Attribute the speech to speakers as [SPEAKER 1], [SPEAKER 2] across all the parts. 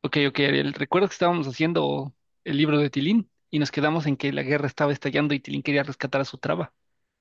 [SPEAKER 1] Ok, ok, Ariel. Recuerdo que estábamos haciendo el libro de Tilín y nos quedamos en que la guerra estaba estallando y Tilín quería rescatar a su traba.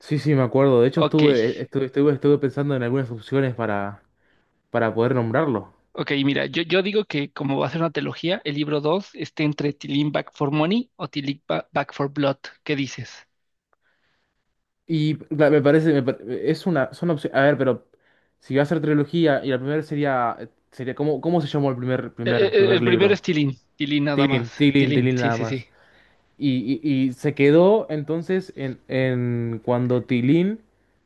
[SPEAKER 2] Sí, sí, me acuerdo. De hecho,
[SPEAKER 1] Ok,
[SPEAKER 2] estuve pensando en algunas opciones para poder nombrarlo.
[SPEAKER 1] ok, mira, yo digo que como va a ser una trilogía, el libro 2 esté entre Tilín Back for Money o Back for Blood. ¿Qué dices?
[SPEAKER 2] Me parece, es una, son opciones. A ver, pero si va a ser trilogía y la primera sería, sería ¿cómo, cómo se llamó el primer, primer, primer
[SPEAKER 1] El primero
[SPEAKER 2] libro?
[SPEAKER 1] es Tilín, Tilín nada más. Tilín,
[SPEAKER 2] Tilín
[SPEAKER 1] sí,
[SPEAKER 2] nada
[SPEAKER 1] sí,
[SPEAKER 2] más.
[SPEAKER 1] sí.
[SPEAKER 2] Y se quedó entonces en cuando Tilín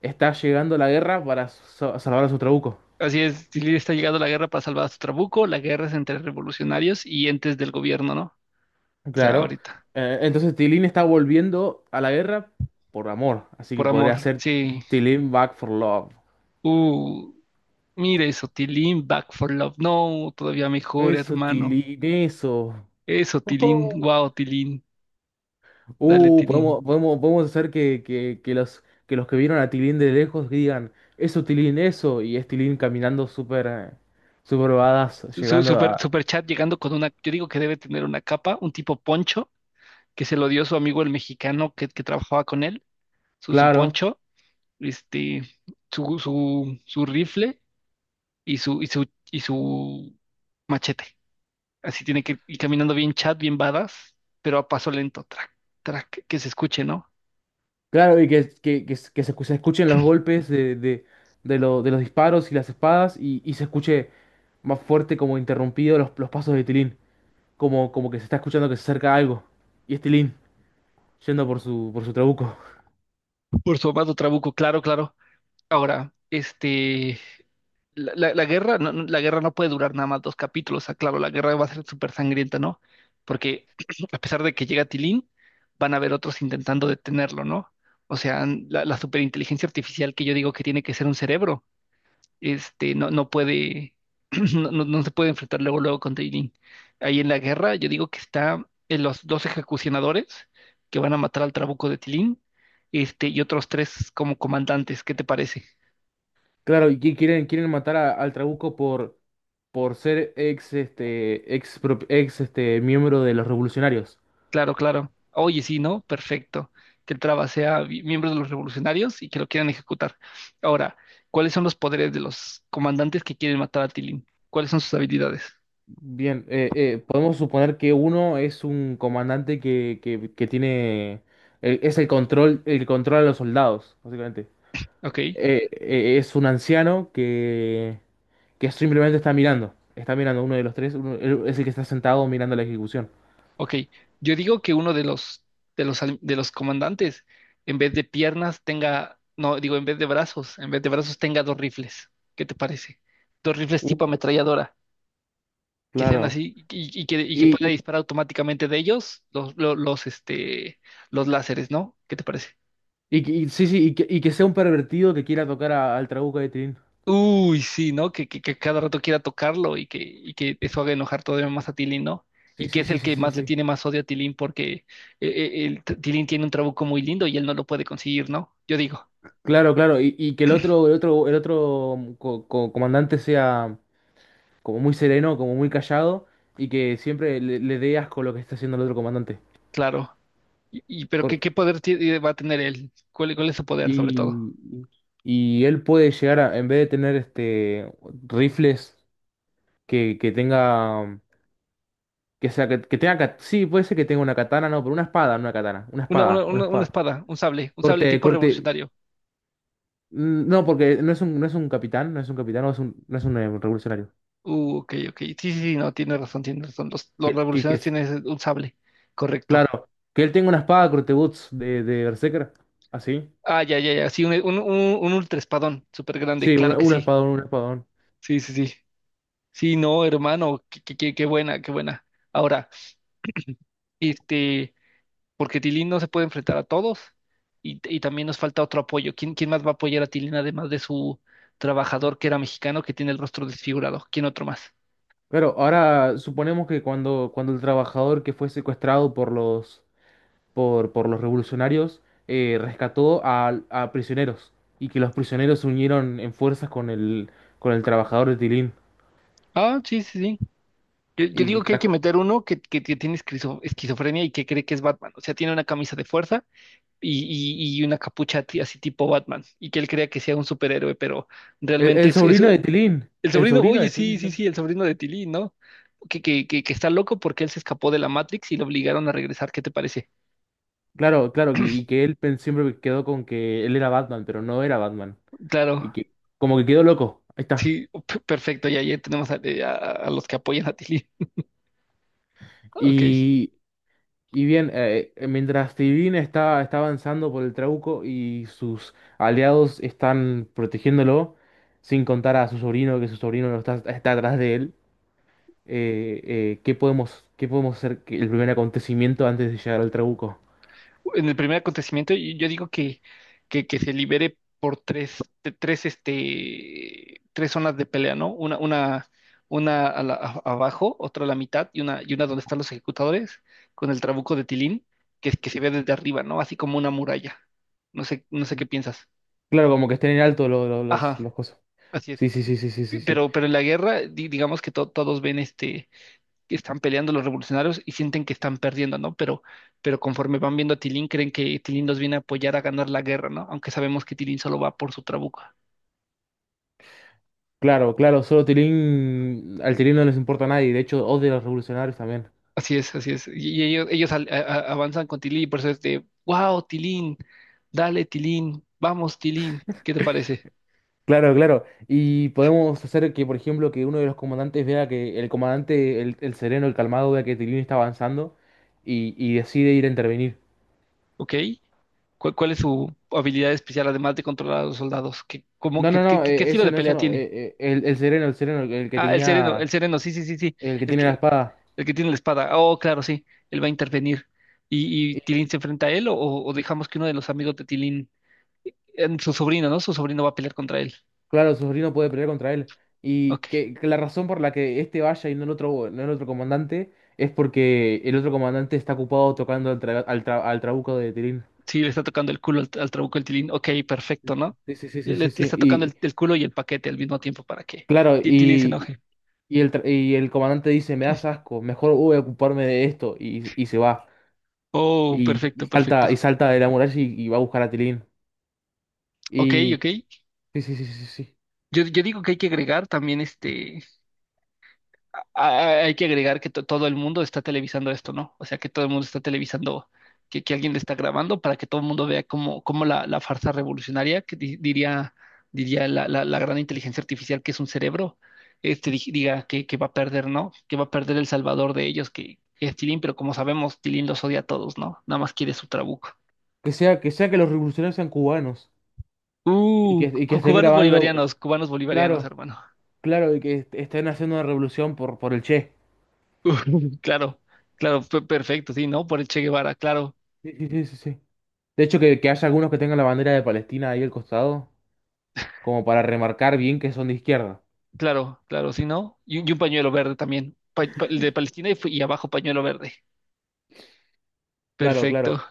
[SPEAKER 2] está llegando a la guerra para salvar a su trabuco.
[SPEAKER 1] Así es, Tilín está llegando a la guerra para salvar a su trabuco. La guerra es entre revolucionarios y entes del gobierno, ¿no? O sea,
[SPEAKER 2] Claro.
[SPEAKER 1] ahorita.
[SPEAKER 2] Entonces Tilín está volviendo a la guerra por amor. Así que
[SPEAKER 1] Por
[SPEAKER 2] podría
[SPEAKER 1] amor,
[SPEAKER 2] ser
[SPEAKER 1] sí.
[SPEAKER 2] Tilín Back for Love.
[SPEAKER 1] Uh. Mira eso, Tilín, Back for Love. No, todavía mejor,
[SPEAKER 2] Eso,
[SPEAKER 1] hermano.
[SPEAKER 2] Tilín, eso.
[SPEAKER 1] Eso, Tilín,
[SPEAKER 2] Ujú.
[SPEAKER 1] wow, Tilín. Dale, Tilín.
[SPEAKER 2] Podemos hacer que, que los, que los que vieron a Tilín de lejos digan, eso, Tilín, eso. Y es Tilín caminando súper súper badass,
[SPEAKER 1] Su,
[SPEAKER 2] llegando
[SPEAKER 1] super,
[SPEAKER 2] a...
[SPEAKER 1] super chat llegando con una, yo digo que debe tener una capa, un tipo poncho, que se lo dio su amigo el mexicano que trabajaba con él, su
[SPEAKER 2] Claro.
[SPEAKER 1] poncho, este, su rifle y su machete. Así tiene que ir caminando bien chat, bien badass, pero a paso lento, track, track, que se escuche, ¿no?
[SPEAKER 2] Claro, y que, que se se escuchen los golpes de de los disparos y las espadas y se escuche más fuerte como interrumpido los pasos de Tilín, como, como que se está escuchando que se acerca algo. Y es Tilín yendo por su trabuco.
[SPEAKER 1] Por su amado Trabuco, claro, claro. Ahora, la guerra, no, no, la guerra no puede durar nada más dos capítulos. Ah, claro, la guerra va a ser súper sangrienta, ¿no? Porque a pesar de que llega Tilín, van a haber otros intentando detenerlo, ¿no? O sea, la, la superinteligencia artificial que yo digo que tiene que ser un cerebro, no, no puede, no, no se puede enfrentar luego, luego con Tilín. Ahí en la guerra, yo digo que está en los dos ejecucionadores que van a matar al trabuco de Tilín, y otros tres como comandantes. ¿Qué te parece?
[SPEAKER 2] Claro, y que quieren, quieren matar al trabuco por ser ex, este, ex, ex este, miembro de los revolucionarios.
[SPEAKER 1] Claro, claro. Oye, sí, ¿no? Perfecto. Que el Traba sea miembro de los revolucionarios y que lo quieran ejecutar. Ahora, ¿cuáles son los poderes de los comandantes que quieren matar a Tilín? ¿Cuáles son sus habilidades?
[SPEAKER 2] Bien, podemos suponer que uno es un comandante que, que tiene, es el control a los soldados, básicamente.
[SPEAKER 1] Ok,
[SPEAKER 2] Es un anciano que simplemente está mirando uno de los tres, él es el que está sentado mirando la ejecución.
[SPEAKER 1] ok. Yo digo que uno de los, de los comandantes, en vez de piernas, tenga, no, digo, en vez de brazos, en vez de brazos tenga dos rifles. ¿Qué te parece? Dos rifles
[SPEAKER 2] Uh,
[SPEAKER 1] tipo ametralladora, que sean
[SPEAKER 2] claro.
[SPEAKER 1] así y, y que
[SPEAKER 2] Y,
[SPEAKER 1] pueda
[SPEAKER 2] y,
[SPEAKER 1] disparar automáticamente de ellos los, los, los láseres, ¿no? ¿Qué te parece?
[SPEAKER 2] y que- y- sí, sí, y que sea un pervertido que quiera tocar al Trabuco de Tilín.
[SPEAKER 1] Uy, sí, ¿no? Que, que cada rato quiera tocarlo y que eso haga enojar todavía más a Tilín, ¿no? Y
[SPEAKER 2] Sí,
[SPEAKER 1] que
[SPEAKER 2] sí,
[SPEAKER 1] es
[SPEAKER 2] sí,
[SPEAKER 1] el
[SPEAKER 2] sí,
[SPEAKER 1] que
[SPEAKER 2] sí,
[SPEAKER 1] más le
[SPEAKER 2] sí.
[SPEAKER 1] tiene más odio a Tilín porque el Tilín tiene un trabuco muy lindo y él no lo puede conseguir, ¿no? Yo digo,
[SPEAKER 2] Claro, claro. Y que el otro, el otro, el otro mm, comandante sea, como muy sereno, como muy callado, y que siempre le, le dé asco lo que está haciendo el otro comandante.
[SPEAKER 1] claro. Pero ¿qué,
[SPEAKER 2] Cor-
[SPEAKER 1] qué poder va a tener él? ¿Cuál, cuál es su poder, sobre todo?
[SPEAKER 2] Y, y él puede llegar a, en vez de tener este rifles que tenga, que sea, que tenga, sí, puede ser que tenga una katana, no, pero una espada, no una katana, una
[SPEAKER 1] Una, una,
[SPEAKER 2] espada, una
[SPEAKER 1] una, una
[SPEAKER 2] espada.
[SPEAKER 1] espada, un sable
[SPEAKER 2] Corte,
[SPEAKER 1] tipo
[SPEAKER 2] corte,
[SPEAKER 1] revolucionario.
[SPEAKER 2] mm, no, porque no es un, no es un capitán, no es un capitán, no es un, no es un revolucionario.
[SPEAKER 1] Ok, ok. Sí, sí, sí, no, tiene razón, tiene razón. Los
[SPEAKER 2] Que
[SPEAKER 1] revolucionarios
[SPEAKER 2] es,
[SPEAKER 1] tienen un sable, correcto.
[SPEAKER 2] claro, que él tenga una espada corte boots de Berserker, así.
[SPEAKER 1] Ah, ya, ya, ya. Sí, un ultraespadón súper grande,
[SPEAKER 2] Sí,
[SPEAKER 1] claro
[SPEAKER 2] una,
[SPEAKER 1] que
[SPEAKER 2] un
[SPEAKER 1] sí.
[SPEAKER 2] espadón, un espadón.
[SPEAKER 1] Sí, sí, sí. Sí, no, hermano, qué, qué, qué buena, qué buena. Ahora, este, porque Tilín no se puede enfrentar a todos y también nos falta otro apoyo. ¿Quién, quién más va a apoyar a Tilín además de su trabajador que era mexicano que tiene el rostro desfigurado? ¿Quién otro más?
[SPEAKER 2] Pero ahora suponemos que cuando, cuando el trabajador que fue secuestrado por los, por los revolucionarios rescató a prisioneros y que los prisioneros se unieron en fuerzas con el trabajador de Tilín
[SPEAKER 1] Ah, sí, sí, sí. Yo
[SPEAKER 2] y
[SPEAKER 1] digo que hay que
[SPEAKER 2] trajo...
[SPEAKER 1] meter uno que, que tiene esquizofrenia y que cree que es Batman. O sea, tiene una camisa de fuerza y, y una capucha así tipo Batman. Y que él crea que sea un superhéroe, pero
[SPEAKER 2] El,
[SPEAKER 1] realmente
[SPEAKER 2] el
[SPEAKER 1] es-
[SPEAKER 2] sobrino de Tilín,
[SPEAKER 1] El
[SPEAKER 2] el
[SPEAKER 1] sobrino,
[SPEAKER 2] sobrino
[SPEAKER 1] oye,
[SPEAKER 2] de
[SPEAKER 1] sí,
[SPEAKER 2] Tilín. ¿No?
[SPEAKER 1] sí, sí, el sobrino de Tilly, ¿no? Que, que está loco porque él se escapó de la Matrix y lo obligaron a regresar. ¿Qué te parece?
[SPEAKER 2] Claro, claro, que- y que él siempre quedó con que él era Batman, pero no era Batman.
[SPEAKER 1] Claro,
[SPEAKER 2] Y que como que quedó loco, ahí está.
[SPEAKER 1] sí, perfecto. Ya, ya tenemos a, a los que apoyan a Tilly. Ok.
[SPEAKER 2] Y bien, mientras Tivin está, está avanzando por el Trauco y sus aliados están protegiéndolo, sin contar a su sobrino, que su sobrino no está, está atrás de él, qué podemos hacer que el primer acontecimiento antes de llegar al Trauco?
[SPEAKER 1] En el primer acontecimiento, y yo digo que se libere por tres, tres, tres zonas de pelea, ¿no? Una a abajo, otra a la mitad y una donde están los ejecutadores con el trabuco de Tilín, que se ve desde arriba, ¿no? Así como una muralla. No sé, no sé qué piensas.
[SPEAKER 2] Claro, como que estén en alto
[SPEAKER 1] Ajá,
[SPEAKER 2] los cosas.
[SPEAKER 1] así es.
[SPEAKER 2] Sí, sí, sí, sí, sí, sí, sí.
[SPEAKER 1] Pero en la guerra, digamos que todos ven que están peleando los revolucionarios y sienten que están perdiendo, ¿no? Pero conforme van viendo a Tilín, creen que Tilín los viene a apoyar a ganar la guerra, ¿no? Aunque sabemos que Tilín solo va por su trabuco.
[SPEAKER 2] Claro, claro, solo Tilín, al Tilín no les importa a nadie, de hecho, odia a los revolucionarios también.
[SPEAKER 1] Así es, así es. Y ellos, ellos avanzan con Tilín y por eso es de, wow, Tilín, dale, Tilín, vamos, Tilín, ¿qué te parece?
[SPEAKER 2] Claro, claro. Y podemos hacer que, por ejemplo, que uno de los comandantes vea que el comandante, el sereno, el calmado, vea que Tilín está avanzando y decide ir a intervenir.
[SPEAKER 1] ¿Ok? ¿Cuál, cuál es su habilidad especial, además de controlar a los soldados? ¿Qué, cómo,
[SPEAKER 2] No,
[SPEAKER 1] qué,
[SPEAKER 2] no,
[SPEAKER 1] qué,
[SPEAKER 2] no,
[SPEAKER 1] qué estilo
[SPEAKER 2] ese
[SPEAKER 1] de
[SPEAKER 2] no, eso
[SPEAKER 1] pelea
[SPEAKER 2] no.
[SPEAKER 1] tiene?
[SPEAKER 2] El sereno, el sereno, el, que
[SPEAKER 1] Ah, el
[SPEAKER 2] tenía,
[SPEAKER 1] sereno, sí, sí, sí, sí.
[SPEAKER 2] el que
[SPEAKER 1] El
[SPEAKER 2] tiene la
[SPEAKER 1] que,
[SPEAKER 2] espada.
[SPEAKER 1] El que tiene la espada. Oh, claro, sí. Él va a intervenir. Y
[SPEAKER 2] Y,
[SPEAKER 1] Tilín se enfrenta a él o dejamos que uno de los amigos de Tilín, su sobrino, ¿no? Su sobrino va a pelear contra él.
[SPEAKER 2] claro, su sobrino puede pelear contra él. Y
[SPEAKER 1] Ok.
[SPEAKER 2] que la razón por la que este vaya y no el otro, no el otro comandante es porque el otro comandante está ocupado tocando al, al, al trabuco de Tilín.
[SPEAKER 1] Sí, le está tocando el culo al, al trabuco el Tilín. Ok, perfecto, ¿no?
[SPEAKER 2] Sí, sí, sí,
[SPEAKER 1] Le,
[SPEAKER 2] sí, sí,
[SPEAKER 1] le
[SPEAKER 2] sí.
[SPEAKER 1] está tocando el culo y el paquete al mismo tiempo para que
[SPEAKER 2] Claro,
[SPEAKER 1] Tilín se enoje.
[SPEAKER 2] y, el, y el comandante dice, me das asco, mejor voy a ocuparme de esto, y se va.
[SPEAKER 1] Oh, perfecto, perfecto.
[SPEAKER 2] Y salta de la muralla y va a buscar a Tilín.
[SPEAKER 1] Ok, ok.
[SPEAKER 2] Y sí, sí, sí, sí, sí.
[SPEAKER 1] Yo digo que hay que agregar también Hay que agregar que todo el mundo está televisando esto, ¿no? O sea, que todo el mundo está televisando, que alguien le está grabando para que todo el mundo vea cómo, cómo la, la farsa revolucionaria, que diría, diría la, la gran inteligencia artificial que es un cerebro, diga que va a perder, ¿no? Que va a perder el salvador de ellos, que es Tilín, pero como sabemos, Tilín los odia a todos, ¿no? Nada más quiere su trabuco.
[SPEAKER 2] Que sea, que sea que los revolucionarios sean cubanos. Y que estén grabando,
[SPEAKER 1] Cubanos bolivarianos,
[SPEAKER 2] claro,
[SPEAKER 1] hermano.
[SPEAKER 2] claro, y que estén haciendo una revolución por el Che.
[SPEAKER 1] Claro, claro, perfecto, sí, ¿no? Por el Che Guevara, claro.
[SPEAKER 2] Sí, sí, sí, sí, sí. De hecho, que haya algunos que tengan la bandera de Palestina ahí al costado, como para remarcar bien que son de izquierda.
[SPEAKER 1] Claro, claro, si no. Y un pañuelo verde también. El de Palestina y, y abajo pañuelo verde.
[SPEAKER 2] Claro, claro.
[SPEAKER 1] Perfecto.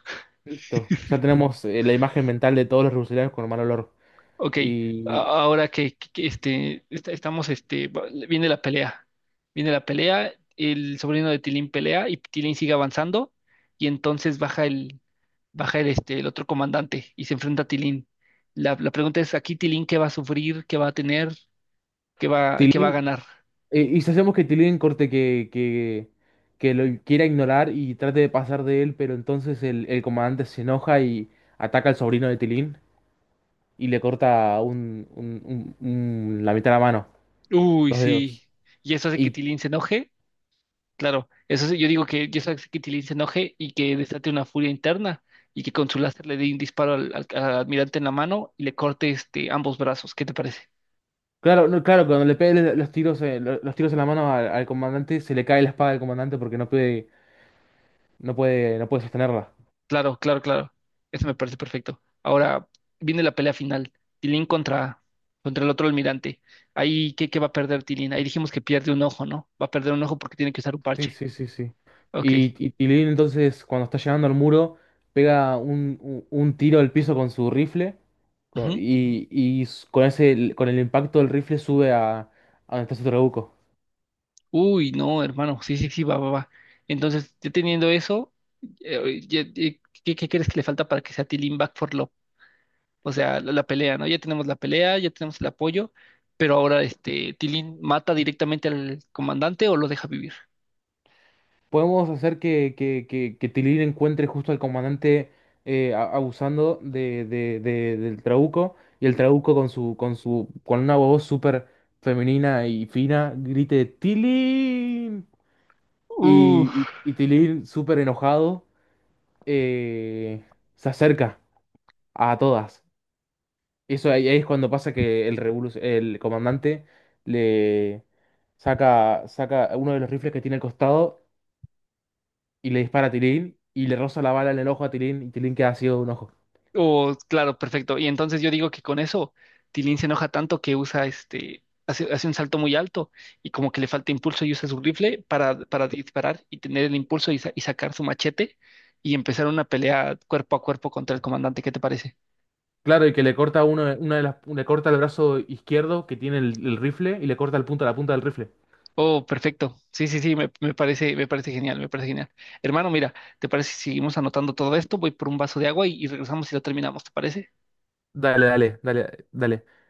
[SPEAKER 2] Listo. Ya tenemos la imagen mental de todos los rurales con mal olor.
[SPEAKER 1] Ok. a-
[SPEAKER 2] Y
[SPEAKER 1] Ahora que, que, estamos, viene la pelea. Viene la pelea. El sobrino de Tilín pelea y Tilín sigue avanzando. Y entonces baja el, el otro comandante y se enfrenta a Tilín. La pregunta es, aquí Tilín, ¿qué va a sufrir? ¿Qué va a tener? Qué va a
[SPEAKER 2] Tilín,
[SPEAKER 1] ganar?
[SPEAKER 2] ¿y si hacemos que Tilín que lo quiera ignorar y trate de pasar de él, pero entonces el comandante se enoja y ataca al sobrino de Tilín y le corta un, la mitad de la mano,
[SPEAKER 1] Uy,
[SPEAKER 2] los
[SPEAKER 1] sí.
[SPEAKER 2] dedos?
[SPEAKER 1] Y eso hace que
[SPEAKER 2] Y
[SPEAKER 1] Tilín se enoje. Claro, eso sí, yo digo que yo sé que Tilín se enoje y que desate una furia interna y que con su láser le dé un disparo al, al almirante en la mano y le corte ambos brazos. ¿Qué te parece?
[SPEAKER 2] claro, no, claro, cuando le pegue los tiros, los tiros en la mano al, al comandante, se le cae la espada del comandante porque no puede, no puede sostenerla.
[SPEAKER 1] Claro, claro, claro. Eso me parece perfecto. Ahora viene la pelea final. Tilín contra, contra el otro almirante. Ahí, ¿qué, qué va a perder Tilín? Ahí dijimos que pierde un ojo, ¿no? Va a perder un ojo porque tiene que usar un
[SPEAKER 2] Sí,
[SPEAKER 1] parche.
[SPEAKER 2] sí, sí, sí.
[SPEAKER 1] Ok.
[SPEAKER 2] Y Tilín entonces cuando está llegando al muro pega un, un tiro al piso con su rifle y con ese, con el impacto del rifle sube a donde está su trabuco.
[SPEAKER 1] Uy, no, hermano, sí, sí, sí, va, va, va. Entonces, ya teniendo eso, ¿qué, qué crees que le falta para que sea Tilín Back for Love? O sea, la pelea, ¿no? Ya tenemos la pelea, ya tenemos el apoyo, pero ahora Tilín mata directamente al comandante o lo deja vivir.
[SPEAKER 2] Podemos hacer que, que Tilín encuentre justo al comandante abusando de, del trabuco, y el trabuco con su, con su, con una voz súper femenina y fina grite ¡Tilín!
[SPEAKER 1] Uf.
[SPEAKER 2] Y Tilín súper enojado eh, se acerca a todas. Eso ahí, ahí es cuando pasa que el el comandante le saca uno de los rifles que tiene al costado y le dispara a Tilín y le roza la bala en el ojo a Tilín y Tilín queda ciego de un ojo.
[SPEAKER 1] Oh, claro, perfecto. Y entonces yo digo que con eso Tilín se enoja tanto que usa hace, hace un salto muy alto y como que le falta impulso y usa su rifle para disparar y tener el impulso y, y sacar su machete y empezar una pelea cuerpo a cuerpo contra el comandante. ¿Qué te parece?
[SPEAKER 2] Claro, y que le corta uno, una de las, le corta el brazo izquierdo que tiene el rifle y le corta el punta, la punta del rifle.
[SPEAKER 1] Oh, perfecto. Sí, sí, sí, me, me parece genial, me parece genial. Hermano, mira, ¿te parece si seguimos anotando todo esto? Voy por un vaso de agua y regresamos y lo terminamos, ¿te parece?
[SPEAKER 2] Dale, dale, dale, dale.